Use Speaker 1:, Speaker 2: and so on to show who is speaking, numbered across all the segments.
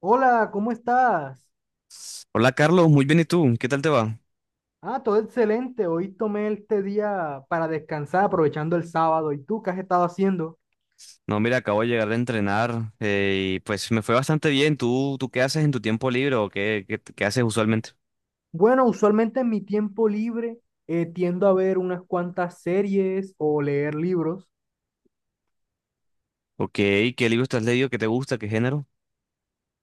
Speaker 1: Hola, ¿cómo estás?
Speaker 2: Hola Carlos, muy bien, ¿y tú? ¿Qué tal te va?
Speaker 1: Ah, todo excelente. Hoy tomé este día para descansar, aprovechando el sábado. ¿Y tú qué has estado haciendo?
Speaker 2: No, mira, acabo de llegar de entrenar y pues me fue bastante bien. ¿Tú qué haces en tu tiempo libre o qué haces usualmente?
Speaker 1: Bueno, usualmente en mi tiempo libre tiendo a ver unas cuantas series o leer libros.
Speaker 2: Ok, ¿qué libros te has leído? ¿Qué te gusta? ¿Qué género?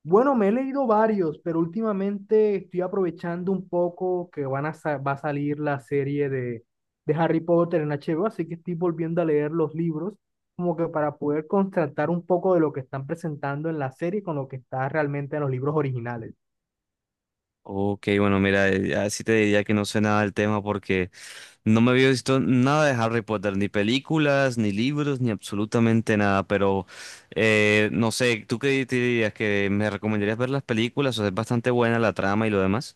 Speaker 1: Bueno, me he leído varios, pero últimamente estoy aprovechando un poco que van a va a salir la serie de Harry Potter en HBO, así que estoy volviendo a leer los libros como que para poder contrastar un poco de lo que están presentando en la serie con lo que está realmente en los libros originales.
Speaker 2: Ok, bueno, mira, así te diría que no sé nada del tema porque no me había visto nada de Harry Potter, ni películas, ni libros, ni absolutamente nada, pero no sé, ¿tú qué te dirías? ¿Que me recomendarías ver las películas? O sea, es bastante buena la trama y lo demás.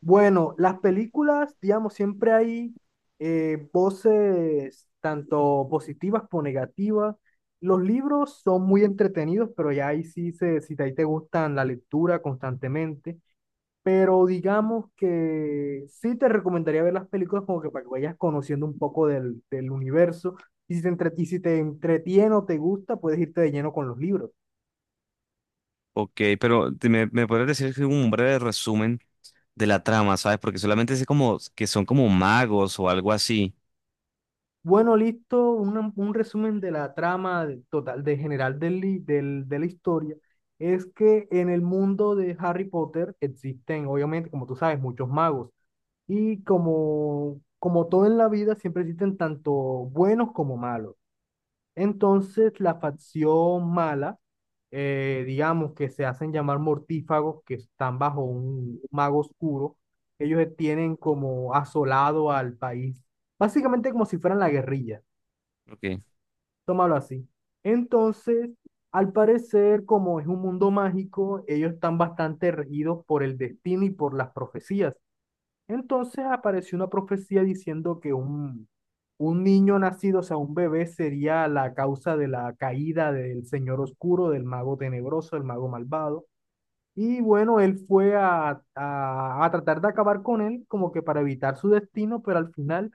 Speaker 1: Bueno, las películas, digamos, siempre hay voces tanto positivas como negativas. Los libros son muy entretenidos, pero ya ahí sí, si ahí te gustan la lectura constantemente. Pero digamos que sí te recomendaría ver las películas como que para que vayas conociendo un poco del universo. Y si te entretiene o te gusta, puedes irte de lleno con los libros.
Speaker 2: Ok, pero me podrías decir que un breve resumen de la trama, ¿sabes? Porque solamente sé como que son como magos o algo así.
Speaker 1: Bueno, listo, un resumen de la trama total, de general de la historia. Es que en el mundo de Harry Potter existen, obviamente, como tú sabes, muchos magos. Y como todo en la vida, siempre existen tanto buenos como malos. Entonces, la facción mala, digamos que se hacen llamar mortífagos, que están bajo un mago oscuro, ellos tienen como asolado al país, básicamente como si fueran la guerrilla,
Speaker 2: Ok,
Speaker 1: tómalo así. Entonces, al parecer, como es un mundo mágico, ellos están bastante regidos por el destino y por las profecías. Entonces apareció una profecía diciendo que un niño nacido, o sea, un bebé, sería la causa de la caída del señor oscuro, del mago tenebroso, del mago malvado. Y bueno, él fue a tratar de acabar con él, como que para evitar su destino, pero al final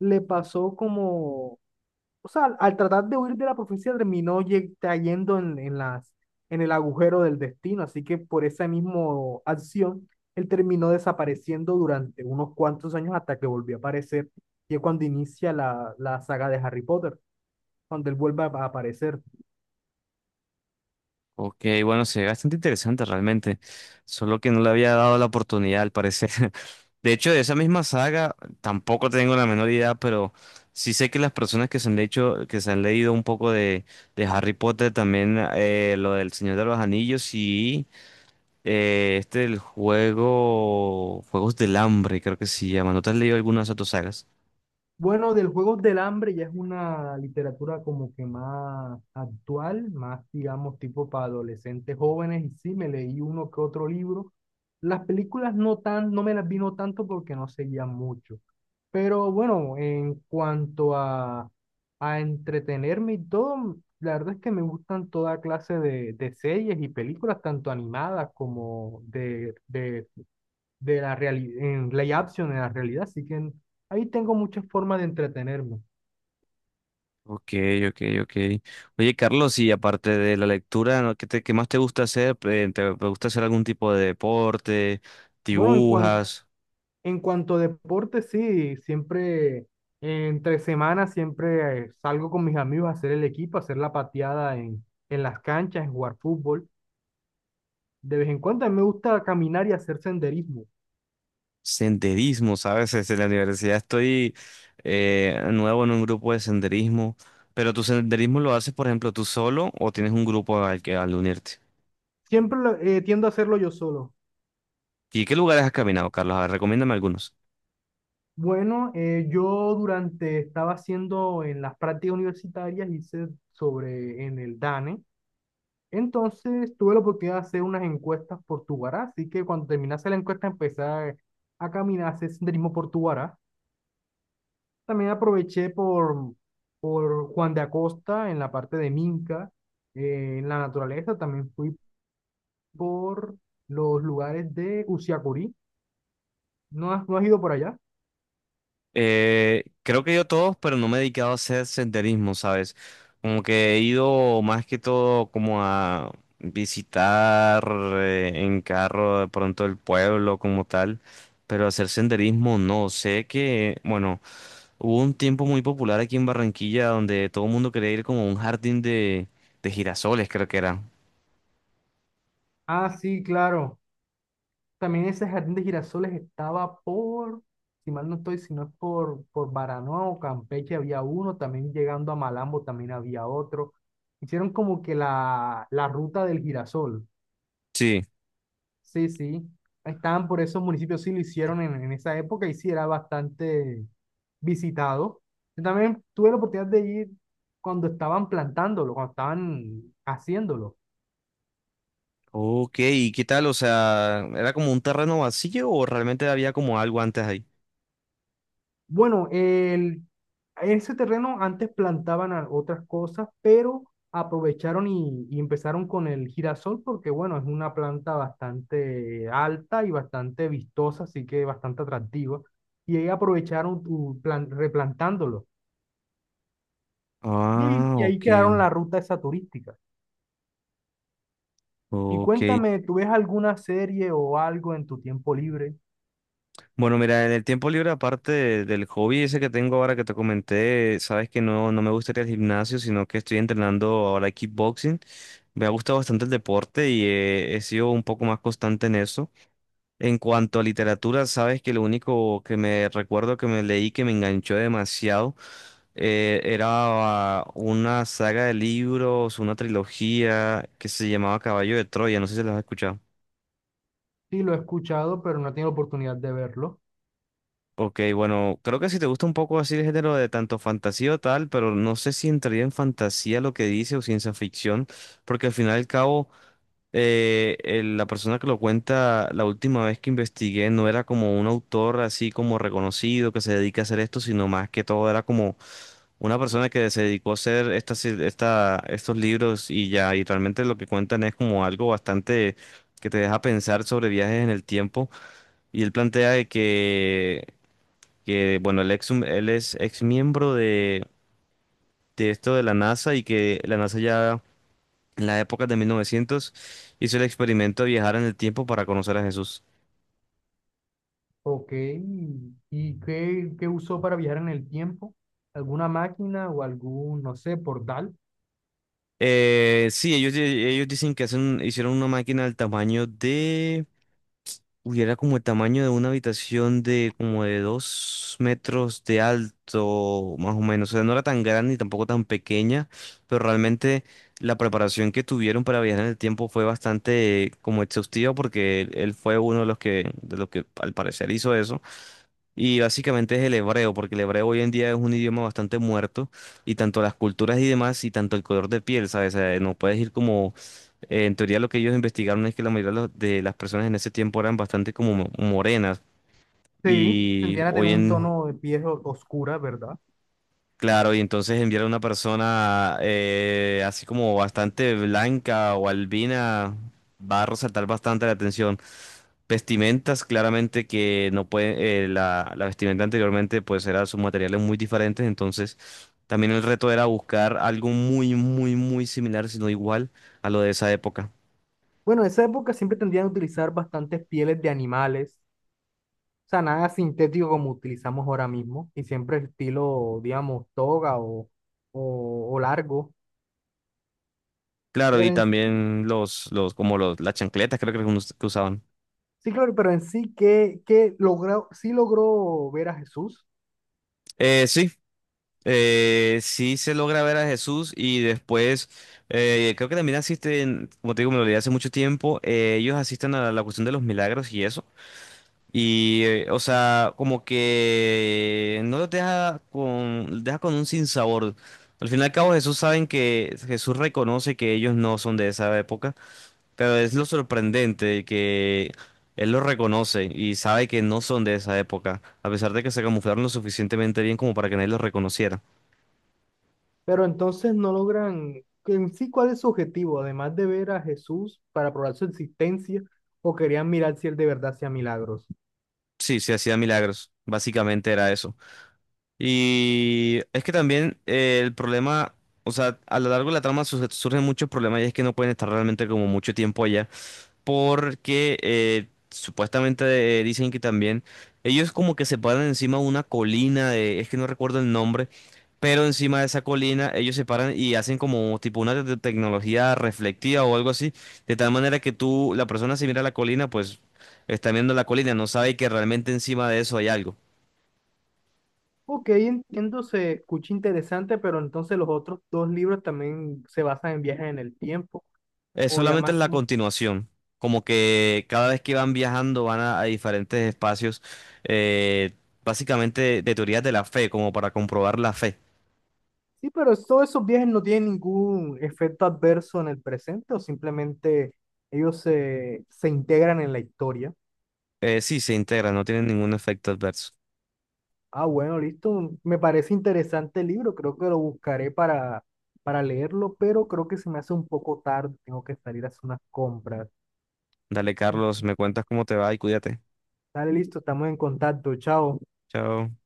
Speaker 1: le pasó como, o sea, al tratar de huir de la profecía terminó cayendo en el agujero del destino, así que por esa misma acción, él terminó desapareciendo durante unos cuantos años hasta que volvió a aparecer, y es cuando inicia la saga de Harry Potter, cuando él vuelve a aparecer.
Speaker 2: ok, bueno, se ve bastante interesante realmente. Solo que no le había dado la oportunidad, al parecer. De hecho, de esa misma saga tampoco tengo la menor idea, pero sí sé que las personas que se han hecho, que se han leído un poco de Harry Potter, también lo del Señor de los Anillos, sí. Este el juego. Juegos del Hambre, creo que se llama. ¿No te has leído algunas de tus sagas?
Speaker 1: Bueno, del Juegos del Hambre ya es una literatura como que más actual, más digamos tipo para adolescentes jóvenes y sí, me leí uno que otro libro. Las películas no tan, no me las vino tanto porque no seguía mucho. Pero bueno, en cuanto a entretenerme y todo, la verdad es que me gustan toda clase de series y películas, tanto animadas como de de la realidad, en Play Action, en la realidad, así que ahí tengo muchas formas de entretenerme.
Speaker 2: Ok, ok, ok. Oye, Carlos, y aparte de la lectura, ¿no? ¿qué más te gusta hacer? ¿Te gusta hacer algún tipo de deporte?
Speaker 1: Bueno,
Speaker 2: ¿Dibujas?
Speaker 1: en cuanto a deporte, sí, siempre, entre semanas, siempre salgo con mis amigos a hacer el equipo, a hacer la pateada en las canchas, en jugar fútbol. De vez en cuando a mí me gusta caminar y hacer senderismo.
Speaker 2: Senderismo, ¿sabes? En la universidad estoy nuevo en un grupo de senderismo. ¿Pero tu senderismo lo haces, por ejemplo, tú solo o tienes un grupo al que al unirte?
Speaker 1: Tiendo a hacerlo yo solo.
Speaker 2: ¿Y qué lugares has caminado, Carlos? A ver, recomiéndame algunos.
Speaker 1: Bueno, yo durante, estaba haciendo en las prácticas universitarias, hice sobre en el DANE. Entonces tuve la oportunidad de hacer unas encuestas por Tubará, así que cuando terminase la encuesta empecé a caminar, a hacer senderismo por Tubará. También aproveché por Juan de Acosta en la parte de Minca, en la naturaleza. También fui por los lugares de Usiacurí. No has ido por allá?
Speaker 2: Creo que yo todos, pero no me he dedicado a hacer senderismo, ¿sabes? Como que he ido más que todo como a visitar en carro de pronto el pueblo como tal, pero hacer senderismo no. Sé que, bueno, hubo un tiempo muy popular aquí en Barranquilla donde todo el mundo quería ir como a un jardín de girasoles, creo que era.
Speaker 1: Ah, sí, claro. También ese jardín de girasoles estaba por, si mal no estoy, si no es por Baranoa o Campeche había uno, también llegando a Malambo también había otro. Hicieron como que la ruta del girasol.
Speaker 2: Sí.
Speaker 1: Sí, sí. Estaban por esos municipios, sí lo hicieron en esa época y sí era bastante visitado. Yo también tuve la oportunidad de ir cuando estaban plantándolo, cuando estaban haciéndolo.
Speaker 2: Ok, ¿y qué tal? O sea, ¿era como un terreno vacío o realmente había como algo antes ahí?
Speaker 1: Bueno, el, ese terreno antes plantaban otras cosas, pero aprovecharon y empezaron con el girasol porque, bueno, es una planta bastante alta y bastante vistosa, así que bastante atractiva. Y ahí aprovecharon replantándolo.
Speaker 2: Ah,
Speaker 1: Y ahí
Speaker 2: ok.
Speaker 1: quedaron la ruta esa turística. Y
Speaker 2: Ok.
Speaker 1: cuéntame, ¿tú ves alguna serie o algo en tu tiempo libre?
Speaker 2: Bueno, mira, en el tiempo libre, aparte del hobby ese que tengo ahora que te comenté, sabes que no me gustaría el gimnasio, sino que estoy entrenando ahora kickboxing. Me ha gustado bastante el deporte y he sido un poco más constante en eso. En cuanto a literatura, sabes que lo único que me recuerdo que me leí que me enganchó demasiado era una saga de libros, una trilogía que se llamaba Caballo de Troya, no sé si las has escuchado.
Speaker 1: Sí, lo he escuchado, pero no he tenido oportunidad de verlo.
Speaker 2: Ok, bueno, creo que si te gusta un poco así el género de tanto fantasía o tal, pero no sé si entraría en fantasía lo que dice o ciencia ficción, porque al final y al cabo, la persona que lo cuenta la última vez que investigué no era como un autor así como reconocido que se dedica a hacer esto, sino más que todo era como una persona que se dedicó a hacer estos libros y ya, y realmente lo que cuentan es como algo bastante que te deja pensar sobre viajes en el tiempo. Y él plantea de que bueno, él es ex miembro de esto de la NASA y que la NASA ya en las épocas de 1900 hizo el experimento de viajar en el tiempo para conocer a Jesús.
Speaker 1: Ok, y qué usó para viajar en el tiempo? ¿Alguna máquina o algún, no sé, portal?
Speaker 2: Sí, ellos, ellos dicen que hicieron una máquina del tamaño de. Uy, era como el tamaño de una habitación de como de dos metros de alto, más o menos. O sea, no era tan grande ni tampoco tan pequeña, pero realmente la preparación que tuvieron para viajar en el tiempo fue bastante como exhaustiva porque él fue uno de los que al parecer hizo eso. Y básicamente es el hebreo, porque el hebreo hoy en día es un idioma bastante muerto, y tanto las culturas y demás, y tanto el color de piel, ¿sabes? O sea, no puedes ir como en teoría lo que ellos investigaron es que la mayoría de las personas en ese tiempo eran bastante como morenas,
Speaker 1: Sí,
Speaker 2: y
Speaker 1: tendrían a
Speaker 2: hoy
Speaker 1: tener un
Speaker 2: en.
Speaker 1: tono de piel oscura, ¿verdad?
Speaker 2: Claro, y entonces enviar a una persona así como bastante blanca o albina va a resaltar bastante la atención. Vestimentas, claramente que no puede, la vestimenta anteriormente pues era sus materiales muy diferentes, entonces también el reto era buscar algo muy, muy, muy similar, si no igual a lo de esa época.
Speaker 1: Bueno, en esa época siempre tendrían a utilizar bastantes pieles de animales, o sea, nada sintético como utilizamos ahora mismo, y siempre estilo, digamos, toga o largo.
Speaker 2: Claro,
Speaker 1: Pero
Speaker 2: y
Speaker 1: en,
Speaker 2: también las chancletas creo que, algunos que usaban.
Speaker 1: sí, claro, pero en sí, ¿qué logró, sí logró ver a Jesús?
Speaker 2: Sí, sí se logra ver a Jesús y después creo que también asisten, como te digo, me lo leí hace mucho tiempo, ellos asisten a la cuestión de los milagros y eso. Y, o sea, como que no los deja con un sinsabor. Al fin y al cabo, Jesús saben que Jesús reconoce que ellos no son de esa época, pero es lo sorprendente que él los reconoce y sabe que no son de esa época, a pesar de que se camuflaron lo suficientemente bien como para que nadie los reconociera.
Speaker 1: Pero entonces no logran, en sí, ¿cuál es su objetivo? Además de ver a Jesús para probar su existencia, o querían mirar si él de verdad hacía milagros.
Speaker 2: Sí, sí hacía milagros. Básicamente era eso. Y es que también el problema, o sea, a lo largo de la trama surgen muchos problemas y es que no pueden estar realmente como mucho tiempo allá porque supuestamente dicen que también ellos como que se paran encima de una colina, es que no recuerdo el nombre, pero encima de esa colina ellos se paran y hacen como tipo una tecnología reflectiva o algo así, de tal manera que tú, la persona si mira la colina, pues está viendo la colina, no sabe que realmente encima de eso hay algo.
Speaker 1: Ok, entiendo, se escucha interesante, pero entonces los otros dos libros también se basan en viajes en el tiempo,
Speaker 2: Es
Speaker 1: o ya
Speaker 2: solamente es
Speaker 1: más
Speaker 2: la
Speaker 1: como...
Speaker 2: continuación. Como que cada vez que van viajando van a, diferentes espacios, eh, básicamente de teorías de la fe, como para comprobar la fe.
Speaker 1: Sí, pero es, todos esos viajes no tienen ningún efecto adverso en el presente, o simplemente ellos se integran en la historia.
Speaker 2: Sí, se integra, no tiene ningún efecto adverso.
Speaker 1: Ah, bueno, listo. Me parece interesante el libro. Creo que lo buscaré para leerlo, pero creo que se me hace un poco tarde. Tengo que salir a hacer unas compras.
Speaker 2: Dale, Carlos, me cuentas cómo te va y cuídate.
Speaker 1: Dale, listo. Estamos en contacto. Chao.
Speaker 2: Chao.